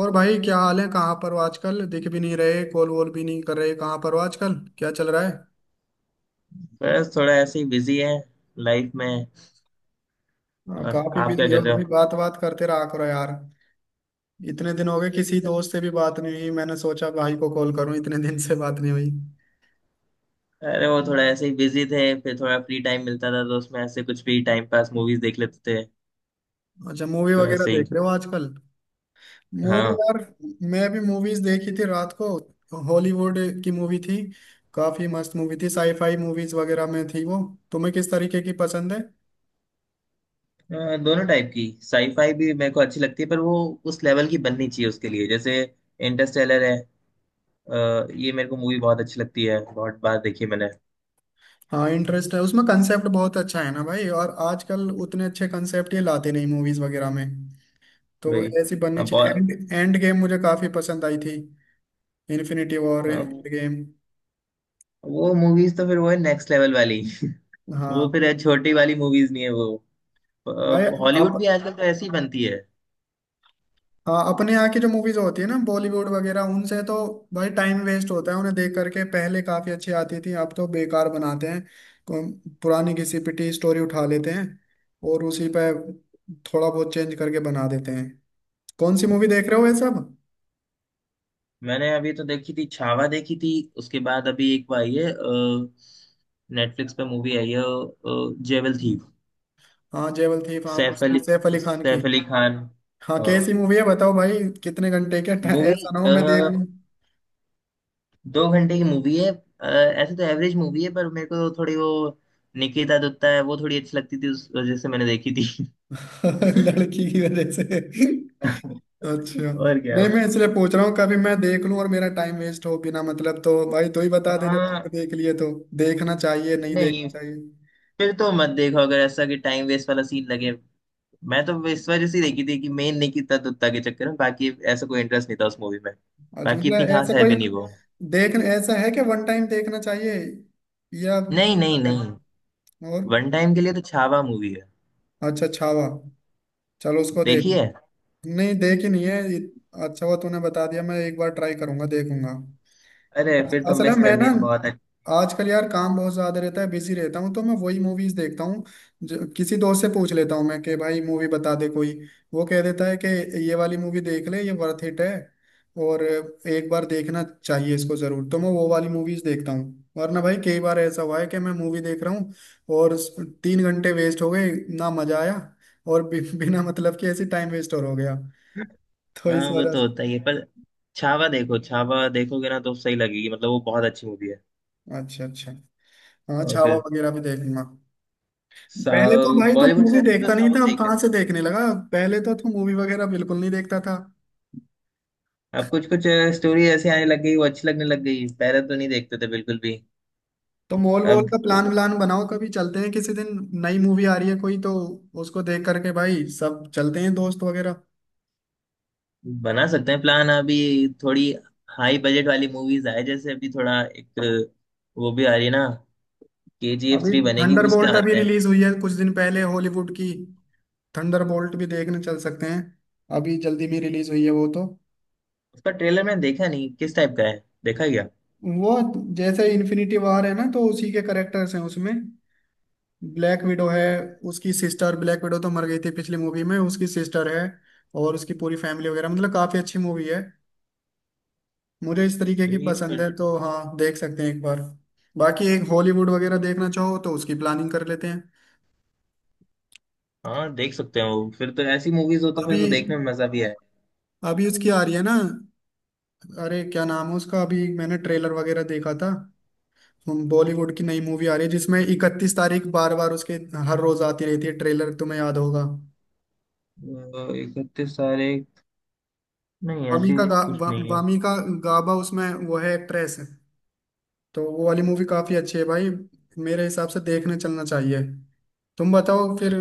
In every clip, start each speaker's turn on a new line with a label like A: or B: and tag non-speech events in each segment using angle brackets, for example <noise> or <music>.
A: और भाई क्या हाल है। कहाँ पर हो आजकल? दिख भी नहीं रहे, कॉल वॉल भी नहीं कर रहे। कहाँ पर हो आजकल? क्या चल रहा है?
B: बस थोड़ा ऐसे ही बिजी है लाइफ में।
A: हाँ,
B: और
A: काफी
B: आप क्या
A: बिजी हो
B: कर रहे हो?
A: भाई। बात बात करते रहा करो यार। इतने दिन हो गए किसी दोस्त से भी बात नहीं हुई, मैंने सोचा भाई को कॉल करूं, इतने दिन से बात नहीं हुई।
B: अरे वो थोड़ा ऐसे ही बिजी थे, फिर थोड़ा फ्री टाइम मिलता था तो उसमें ऐसे कुछ भी टाइम पास मूवीज देख लेते थे।
A: अच्छा, मूवी
B: तो
A: वगैरह
B: ऐसे ही।
A: देख रहे हो आजकल? मूवी
B: हाँ।
A: यार। मैं भी मूवीज देखी थी रात को, हॉलीवुड की मूवी थी। काफी मस्त मूवी थी, साईफाई मूवीज वगैरह में थी वो। तुम्हें किस तरीके की पसंद है?
B: दोनों टाइप की साईफाई भी मेरे को अच्छी लगती है, पर वो उस लेवल की बननी चाहिए उसके लिए। जैसे इंटरस्टेलर है। ये मेरे को मूवी बहुत अच्छी लगती है, बहुत बार देखी है मैंने।
A: हाँ, इंटरेस्ट है उसमें। कंसेप्ट बहुत अच्छा है ना भाई, और आजकल उतने अच्छे कंसेप्ट ये लाते नहीं मूवीज वगैरह में। तो
B: वही।
A: ऐसी बननी
B: अब
A: चाहिए।
B: बहुत।
A: एंड एंड गेम मुझे काफी पसंद आई थी। इन्फिनिटी वॉर,
B: हाँ,
A: एंड गेम।
B: वो मूवीज तो फिर वो है नेक्स्ट लेवल वाली। <laughs> वो
A: हाँ
B: फिर छोटी वाली मूवीज नहीं है वो।
A: भाई।
B: अ,
A: आप।
B: हॉलीवुड भी आजकल तो ऐसी ही बनती है।
A: हाँ, अपने यहाँ की जो मूवीज होती है ना बॉलीवुड वगैरह, उनसे तो भाई टाइम वेस्ट होता है उन्हें देख करके। पहले काफी अच्छी आती थी, अब तो बेकार बनाते हैं। पुरानी घिसी पिटी स्टोरी उठा लेते हैं, और उसी पे थोड़ा बहुत चेंज करके बना देते हैं। कौन सी मूवी देख रहे हो ये सब?
B: मैंने अभी तो देखी थी, छावा देखी थी। उसके बाद अभी एक वो आई है, नेटफ्लिक्स पे मूवी आई है, जेवल थीव।
A: हाँ, जेवल थी हाँ,
B: सैफ
A: उसकी
B: अली
A: सैफ अली खान की।
B: सैफ अली खान।
A: हाँ, कैसी मूवी है बताओ भाई। कितने घंटे के ऐसा
B: मूवी
A: ना हो मैं देख लूं।
B: 2 घंटे की मूवी है। ऐसे तो एवरेज मूवी है, पर मेरे को थोड़ी वो निकिता दत्ता है, वो थोड़ी अच्छी लगती थी, उस वजह से मैंने देखी थी।
A: <laughs> लड़की की वजह से।
B: <laughs>
A: अच्छा,
B: और क्या।
A: नहीं मैं इसलिए पूछ रहा हूँ कभी मैं देख लूं और मेरा टाइम वेस्ट हो बिना मतलब। तो भाई तू ही बता दे, जब
B: हाँ।
A: तूने देख लिए तो। देखना चाहिए, नहीं
B: नहीं,
A: देखना चाहिए?
B: फिर तो मत देखो अगर ऐसा कि टाइम वेस्ट वाला सीन लगे। मैं तो इस वजह से ही देखी थी कि मेन नहीं कितना दुत्ता के चक्कर में। बाकी ऐसा कोई इंटरेस्ट नहीं था उस मूवी में।
A: अच्छा
B: बाकी इतनी
A: मतलब ऐसा
B: खास है
A: कोई।
B: भी नहीं वो।
A: देख ऐसा है कि वन टाइम देखना चाहिए या
B: नहीं नहीं
A: बेकार है?
B: नहीं।
A: और?
B: वन टाइम के लिए तो छावा मूवी है।
A: अच्छा छावा। चलो उसको देख।
B: देखिए।
A: नहीं देखी नहीं है अच्छा हुआ तूने बता दिया, मैं एक बार ट्राई करूंगा, देखूंगा।
B: अरे फिर तो
A: असल है
B: मिस
A: मैं
B: कर
A: ना
B: दिया, बहुत अच्छा।
A: आजकल यार काम बहुत ज्यादा रहता है, बिजी रहता हूँ, तो मैं वही मूवीज देखता हूँ, किसी दोस्त से पूछ लेता हूँ मैं कि भाई मूवी बता दे कोई। वो कह देता है कि ये वाली मूवी देख ले, ये वर्थ इट है, और एक बार देखना चाहिए इसको जरूर, तो मैं वो वाली मूवीज देखता हूँ। वरना भाई कई बार ऐसा हुआ है कि मैं मूवी देख रहा हूँ और 3 घंटे वेस्ट हो गए, ना मजा आया, और बिना मतलब कि ऐसे टाइम वेस्ट और हो गया। तो
B: हाँ,
A: इस
B: वो
A: वजह
B: तो
A: से।
B: होता ही है। पर छावा देखो, छावा देखोगे ना तो सही लगेगी, मतलब वो बहुत अच्छी मूवी है।
A: अच्छा अच्छा। हाँ,
B: और
A: छावा
B: फिर
A: वगैरह भी देखूंगा। पहले तो
B: साउथ।
A: भाई तू
B: बॉलीवुड से
A: मूवी
B: अच्छा तो
A: देखता नहीं
B: साउथ
A: था, अब
B: देख
A: कहाँ
B: लेते।
A: से देखने लगा? पहले तो तू मूवी वगैरह बिल्कुल नहीं देखता था।
B: अब कुछ कुछ स्टोरी ऐसी आने लग गई, वो अच्छी लगने लग गई, पहले तो नहीं देखते थे बिल्कुल भी।
A: तो मॉल वॉल
B: अब
A: का प्लान व्लान बनाओ कभी, चलते हैं किसी दिन। नई मूवी आ रही है कोई तो उसको देख करके भाई सब चलते हैं, दोस्त वगैरह।
B: बना सकते हैं प्लान। अभी थोड़ी हाई बजट वाली मूवीज आए, जैसे अभी थोड़ा एक वो भी आ रही है ना, के जी एफ
A: अभी
B: थ्री बनेगी, उसके
A: थंडरबोल्ट अभी
B: आते हैं।
A: रिलीज हुई है कुछ दिन पहले, हॉलीवुड की। थंडरबोल्ट भी देखने चल सकते हैं, अभी जल्दी में रिलीज हुई है वो तो।
B: उसका ट्रेलर मैंने देखा नहीं, किस टाइप का है, देखा क्या?
A: वो जैसे इन्फिनिटी वॉर है ना, तो उसी के करेक्टर्स हैं उसमें। ब्लैक विडो है, उसकी सिस्टर। ब्लैक विडो तो मर गई थी पिछली मूवी में, उसकी सिस्टर है। और उसकी पूरी फैमिली वगैरह, मतलब काफी अच्छी मूवी है। मुझे इस तरीके की
B: सही है
A: पसंद
B: फिर
A: है,
B: तो।
A: तो हाँ देख सकते हैं एक बार। बाकी एक हॉलीवुड वगैरह देखना चाहो तो उसकी प्लानिंग कर लेते हैं।
B: हाँ देख सकते हैं, वो फिर तो ऐसी मूवीज हो तो फिर
A: अभी
B: तो देखने में मजा भी आए।
A: अभी उसकी आ रही है ना। अरे क्या नाम है उसका? अभी मैंने ट्रेलर वगैरह देखा था। बॉलीवुड की नई मूवी आ रही है जिसमें 31 तारीख, बार बार उसके हर रोज आती रहती है ट्रेलर, तुम्हें याद होगा।
B: 31 सारे। नहीं ऐसी कुछ नहीं है।
A: वामी का गाबा, उसमें वो है एक्ट्रेस। तो वो वाली मूवी काफी अच्छी है भाई, मेरे हिसाब से देखने चलना चाहिए। तुम बताओ फिर,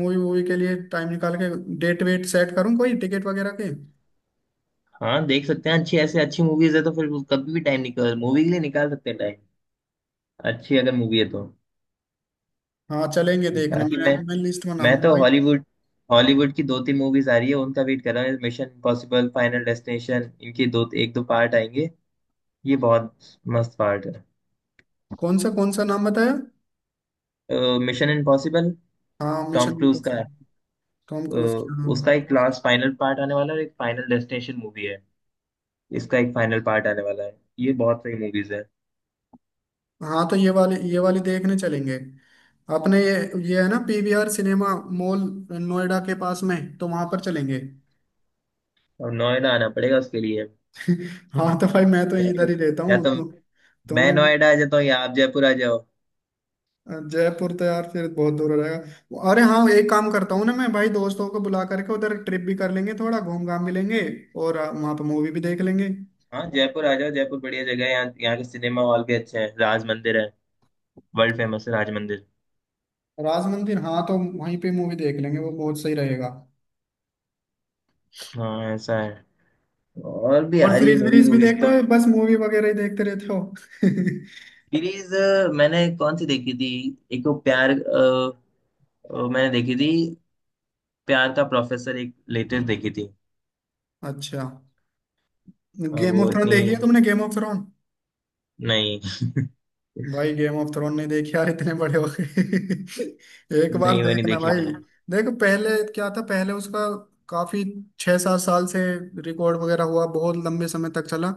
A: मूवी वूवी के लिए टाइम निकाल के डेट वेट सेट करूँ कोई टिकट वगैरह के।
B: हाँ देख सकते हैं, अच्छी ऐसी अच्छी मूवीज है तो फिर कभी भी टाइम निकाल, मूवी के लिए निकाल सकते हैं टाइम। अच्छी अगर मूवी है तो।
A: हाँ चलेंगे देखने,
B: ताकि
A: मैं
B: मैं
A: मैं लिस्ट
B: मैं
A: बनाऊंगा
B: तो
A: भाई।
B: हॉलीवुड, हॉलीवुड की दो तीन मूवीज आ रही है, उनका वेट कर रहा हूँ। मिशन इम्पॉसिबल, फाइनल डेस्टिनेशन, इनके दो एक दो पार्ट आएंगे। ये बहुत मस्त पार्ट है।
A: कौन सा नाम बताया?
B: मिशन इम्पॉसिबल,
A: हाँ, मिशन
B: टॉम क्रूज का।
A: इम्पॉसिबल। टॉम
B: अ,
A: क्रूज की, हाँ।
B: उसका एक लास्ट फाइनल पार्ट आने वाला है, और एक फाइनल डेस्टिनेशन मूवी है, इसका एक फाइनल पार्ट आने वाला है, ये बहुत सही मूवीज है।
A: हाँ तो ये वाली देखने चलेंगे, अपने ये है ना पीवीआर सिनेमा मॉल नोएडा के पास में, तो वहां पर चलेंगे।
B: और नोएडा आना पड़ेगा उसके लिए।
A: <laughs> हाँ, तो भाई मैं तो
B: या तो
A: इधर ही रहता
B: या
A: हूँ
B: तो
A: तो
B: मैं
A: मैं,
B: नोएडा आ जाता हूँ, या आप जयपुर आ जाओ।
A: जयपुर तो यार फिर बहुत दूर हो जाएगा। अरे हाँ, एक काम करता हूँ ना मैं भाई, दोस्तों को बुला करके उधर ट्रिप भी कर लेंगे, थोड़ा घूम घाम भी लेंगे और वहाँ पे मूवी भी देख लेंगे।
B: हाँ जयपुर आ जाओ, जयपुर बढ़िया जगह है, यहाँ यहाँ के सिनेमा हॉल भी अच्छे हैं, राज मंदिर है, वर्ल्ड फेमस है राज मंदिर।
A: राज मंदिर, हाँ तो वहीं पे मूवी देख लेंगे, वो बहुत सही रहेगा।
B: हाँ ऐसा है। और भी आ
A: और
B: रही है
A: सीरीज
B: मूवीज
A: वीरीज भी
B: वूवीज
A: देखते
B: तो।
A: हो या बस मूवी वगैरह ही देखते रहते हो? <laughs>
B: सीरीज, मैंने कौन सी देखी थी? एक तो प्यार मैंने देखी थी प्यार का प्रोफेसर, एक लेटेस्ट देखी थी।
A: अच्छा, गेम ऑफ
B: वो
A: थ्रोन
B: इतनी।
A: देखी है तुमने? Game of Throne.
B: नहीं
A: भाई, गेम ऑफ थ्रोन नहीं देखी यार, इतने बड़े हो गए। <laughs> एक बार
B: नहीं, वो नहीं
A: देखना
B: देखी
A: भाई।
B: मैंने।
A: देखो पहले क्या था, पहले उसका काफी 6 7 साल से रिकॉर्ड वगैरह हुआ, बहुत लंबे समय तक चला।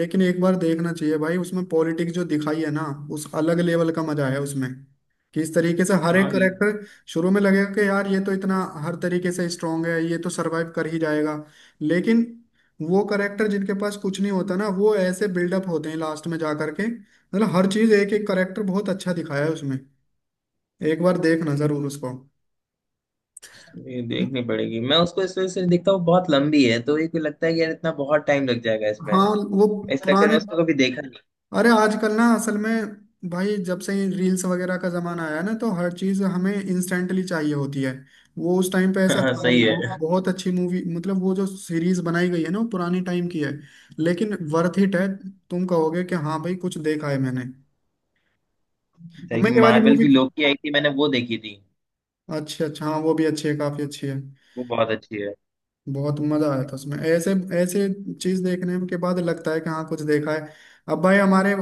A: लेकिन एक बार देखना चाहिए भाई, उसमें पॉलिटिक्स जो दिखाई है ना, उस अलग लेवल का मजा है उसमें। कि इस तरीके से हर एक
B: हाँ
A: करेक्टर शुरू में लगेगा कि यार ये तो इतना हर तरीके से स्ट्रांग है, ये तो सरवाइव कर ही जाएगा। लेकिन वो करेक्टर जिनके पास कुछ नहीं होता ना, वो ऐसे बिल्डअप होते हैं लास्ट में जा करके, मतलब हर चीज, एक एक करेक्टर बहुत अच्छा दिखाया है उसमें। एक बार देखना जरूर उसको।
B: ये देखनी पड़ेगी। मैं उसको इस वजह से नहीं देखता हूँ, बहुत लंबी है, तो ये को लगता है कि यार इतना बहुत टाइम लग जाएगा इसमें,
A: हाँ वो
B: इस चक्कर में
A: पुराने,
B: उसको कभी देखा नहीं।
A: अरे आजकल ना असल में भाई, जब से रील्स वगैरह का जमाना आया ना, तो हर चीज हमें इंस्टेंटली चाहिए होती है। वो उस टाइम पे
B: <laughs>
A: ऐसा
B: हाँ
A: था
B: सही
A: नहीं, बहु,
B: है।
A: बहुत अच्छी मूवी, मतलब वो जो सीरीज बनाई गई है ना, वो पुरानी टाइम की है लेकिन वर्थ इट है। तुम कहोगे कि हाँ भाई कुछ देखा है मैंने।
B: <laughs>
A: अब
B: एक
A: मैं ये वाली
B: मार्वल
A: मूवी,
B: की लोकी आई थी, मैंने वो देखी थी।
A: अच्छा अच्छा हाँ, वो भी अच्छी है, काफी अच्छी है।
B: वो बहुत अच्छी है।
A: बहुत मजा आया था उसमें, ऐसे ऐसे चीज देखने के बाद लगता है कि हाँ, कुछ देखा है। अब भाई हमारे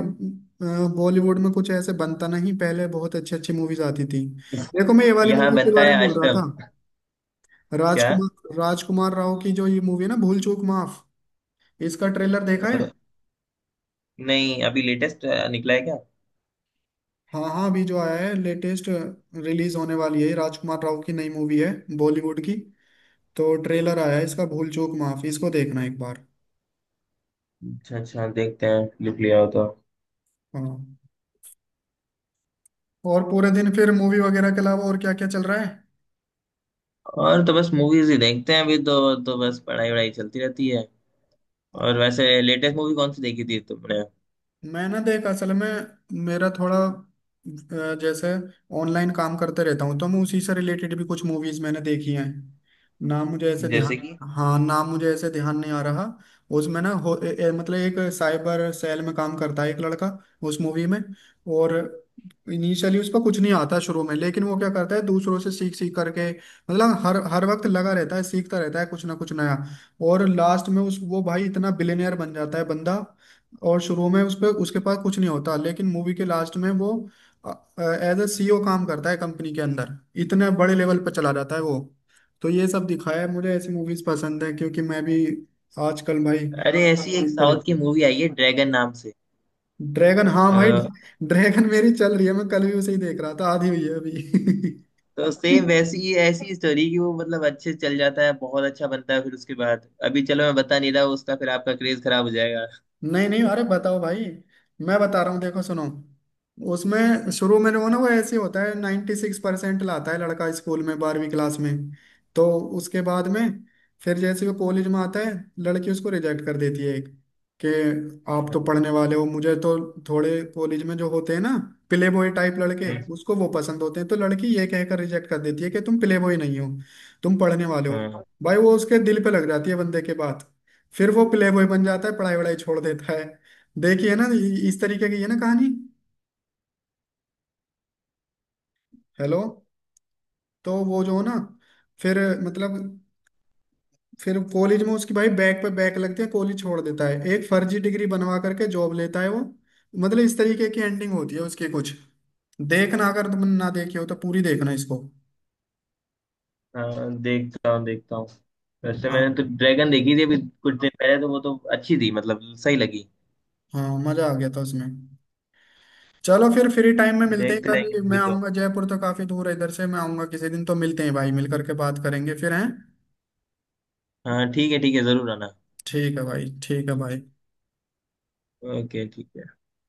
A: बॉलीवुड में कुछ ऐसे बनता नहीं, पहले बहुत अच्छी अच्छी मूवीज आती थी। देखो मैं ये वाली
B: यहाँ
A: मूवी के
B: बनता
A: बारे
B: है
A: में बोल रहा
B: आश्रम।
A: था,
B: क्या?
A: राजकुमार राजकुमार राव की जो ये मूवी है ना, भूल चूक माफ। इसका ट्रेलर देखा है?
B: अ, नहीं अभी लेटेस्ट निकला है क्या?
A: हाँ हाँ अभी जो आया है, लेटेस्ट रिलीज होने वाली है, राजकुमार राव की नई मूवी है, बॉलीवुड की। तो ट्रेलर आया है इसका, भूल चूक माफ, इसको देखना एक बार।
B: अच्छा अच्छा, देखते हैं, लिख लिया हो तो।
A: हाँ, और पूरे दिन फिर मूवी वगैरह के अलावा और क्या क्या चल रहा है?
B: और तो बस मूवीज ही देखते हैं अभी तो, बस पढ़ाई वढ़ाई चलती रहती है। और वैसे लेटेस्ट मूवी कौन सी देखी थी तुमने?
A: मैंने देख असल में, मेरा थोड़ा जैसे ऑनलाइन काम करते रहता हूँ, तो मैं उसी से रिलेटेड भी कुछ मूवीज मैंने देखी हैं। ना मुझे ऐसे
B: जैसे
A: ध्यान,
B: कि,
A: हाँ ना मुझे ऐसे ध्यान नहीं आ रहा। उसमें ना हो ए, ए, मतलब एक साइबर सेल में काम करता है एक लड़का उस मूवी में। और इनिशियली उस पर कुछ नहीं आता शुरू में, लेकिन वो क्या करता है, दूसरों से सीख सीख करके, मतलब हर हर वक्त लगा रहता है, सीखता रहता है कुछ ना कुछ नया। और लास्ट में उस, वो भाई इतना बिलियनियर बन जाता है बंदा। और शुरू में उस पे उसके पास कुछ नहीं होता, लेकिन मूवी के लास्ट में वो एज ए सीईओ काम करता है कंपनी के अंदर, इतने बड़े लेवल पर चला जाता है वो। तो ये सब दिखाया है, मुझे ऐसी मूवीज पसंद है क्योंकि मैं भी आजकल भाई
B: अरे ऐसी एक
A: इस
B: साउथ की
A: तरह।
B: मूवी आई है ड्रैगन नाम से।
A: ड्रैगन, हाँ भाई,
B: अ,
A: ड्रैगन मेरी चल रही है, मैं कल भी उसे ही देख रहा था, आधी हुई है अभी।
B: तो सेम
A: <laughs>
B: वैसी ही ऐसी स्टोरी कि वो मतलब अच्छे चल जाता है, बहुत अच्छा बनता है, फिर उसके बाद अभी चलो मैं बता नहीं रहा उसका, फिर आपका क्रेज खराब हो जाएगा।
A: नहीं नहीं, अरे बताओ भाई, मैं बता रहा हूँ देखो सुनो। उसमें शुरू में वो ना, वो ऐसे होता है, 96% लाता है लड़का स्कूल में 12वीं क्लास में। तो उसके बाद में फिर जैसे वो कॉलेज में आता है, लड़की उसको रिजेक्ट कर देती है एक, कि आप तो पढ़ने वाले हो, मुझे तो थोड़े कॉलेज में जो होते हैं ना प्ले बॉय टाइप लड़के उसको वो पसंद होते हैं, तो लड़की ये कहकर रिजेक्ट कर देती है कि तुम प्ले बॉय नहीं हो, तुम पढ़ने वाले हो।
B: हाँ
A: भाई वो उसके दिल पे लग जाती है बंदे के, फिर वो प्ले बॉय बन जाता है, पढ़ाई वढ़ाई छोड़ देता है। देखिए ना इस तरीके की है ना कहानी। हेलो। तो वो जो ना, फिर, मतलब, फिर कॉलेज में उसकी भाई बैक पे बैक लगती है, कॉलेज छोड़ देता है, एक फर्जी डिग्री बनवा करके जॉब लेता है वो। मतलब इस तरीके की एंडिंग होती है उसके कुछ। देखना अगर तुम ना देखे हो तो पूरी देखना इसको।
B: हाँ, देखता हूँ देखता हूँ। वैसे
A: हाँ,
B: मैंने तो ड्रैगन देखी थी अभी कुछ दिन पहले, तो वो तो अच्छी थी, मतलब सही लगी।
A: हाँ मजा आ गया था उसमें। चलो फिर फ्री टाइम में मिलते हैं
B: देखते रहेंगे
A: कभी, मैं
B: मूवी तो।
A: आऊंगा, जयपुर तो काफी दूर है इधर से। मैं आऊंगा किसी दिन तो मिलते हैं भाई, मिल करके बात करेंगे फिर हैं।
B: हाँ ठीक है ठीक है, जरूर आना।
A: ठीक है भाई, ठीक है भाई।
B: ओके ठीक है।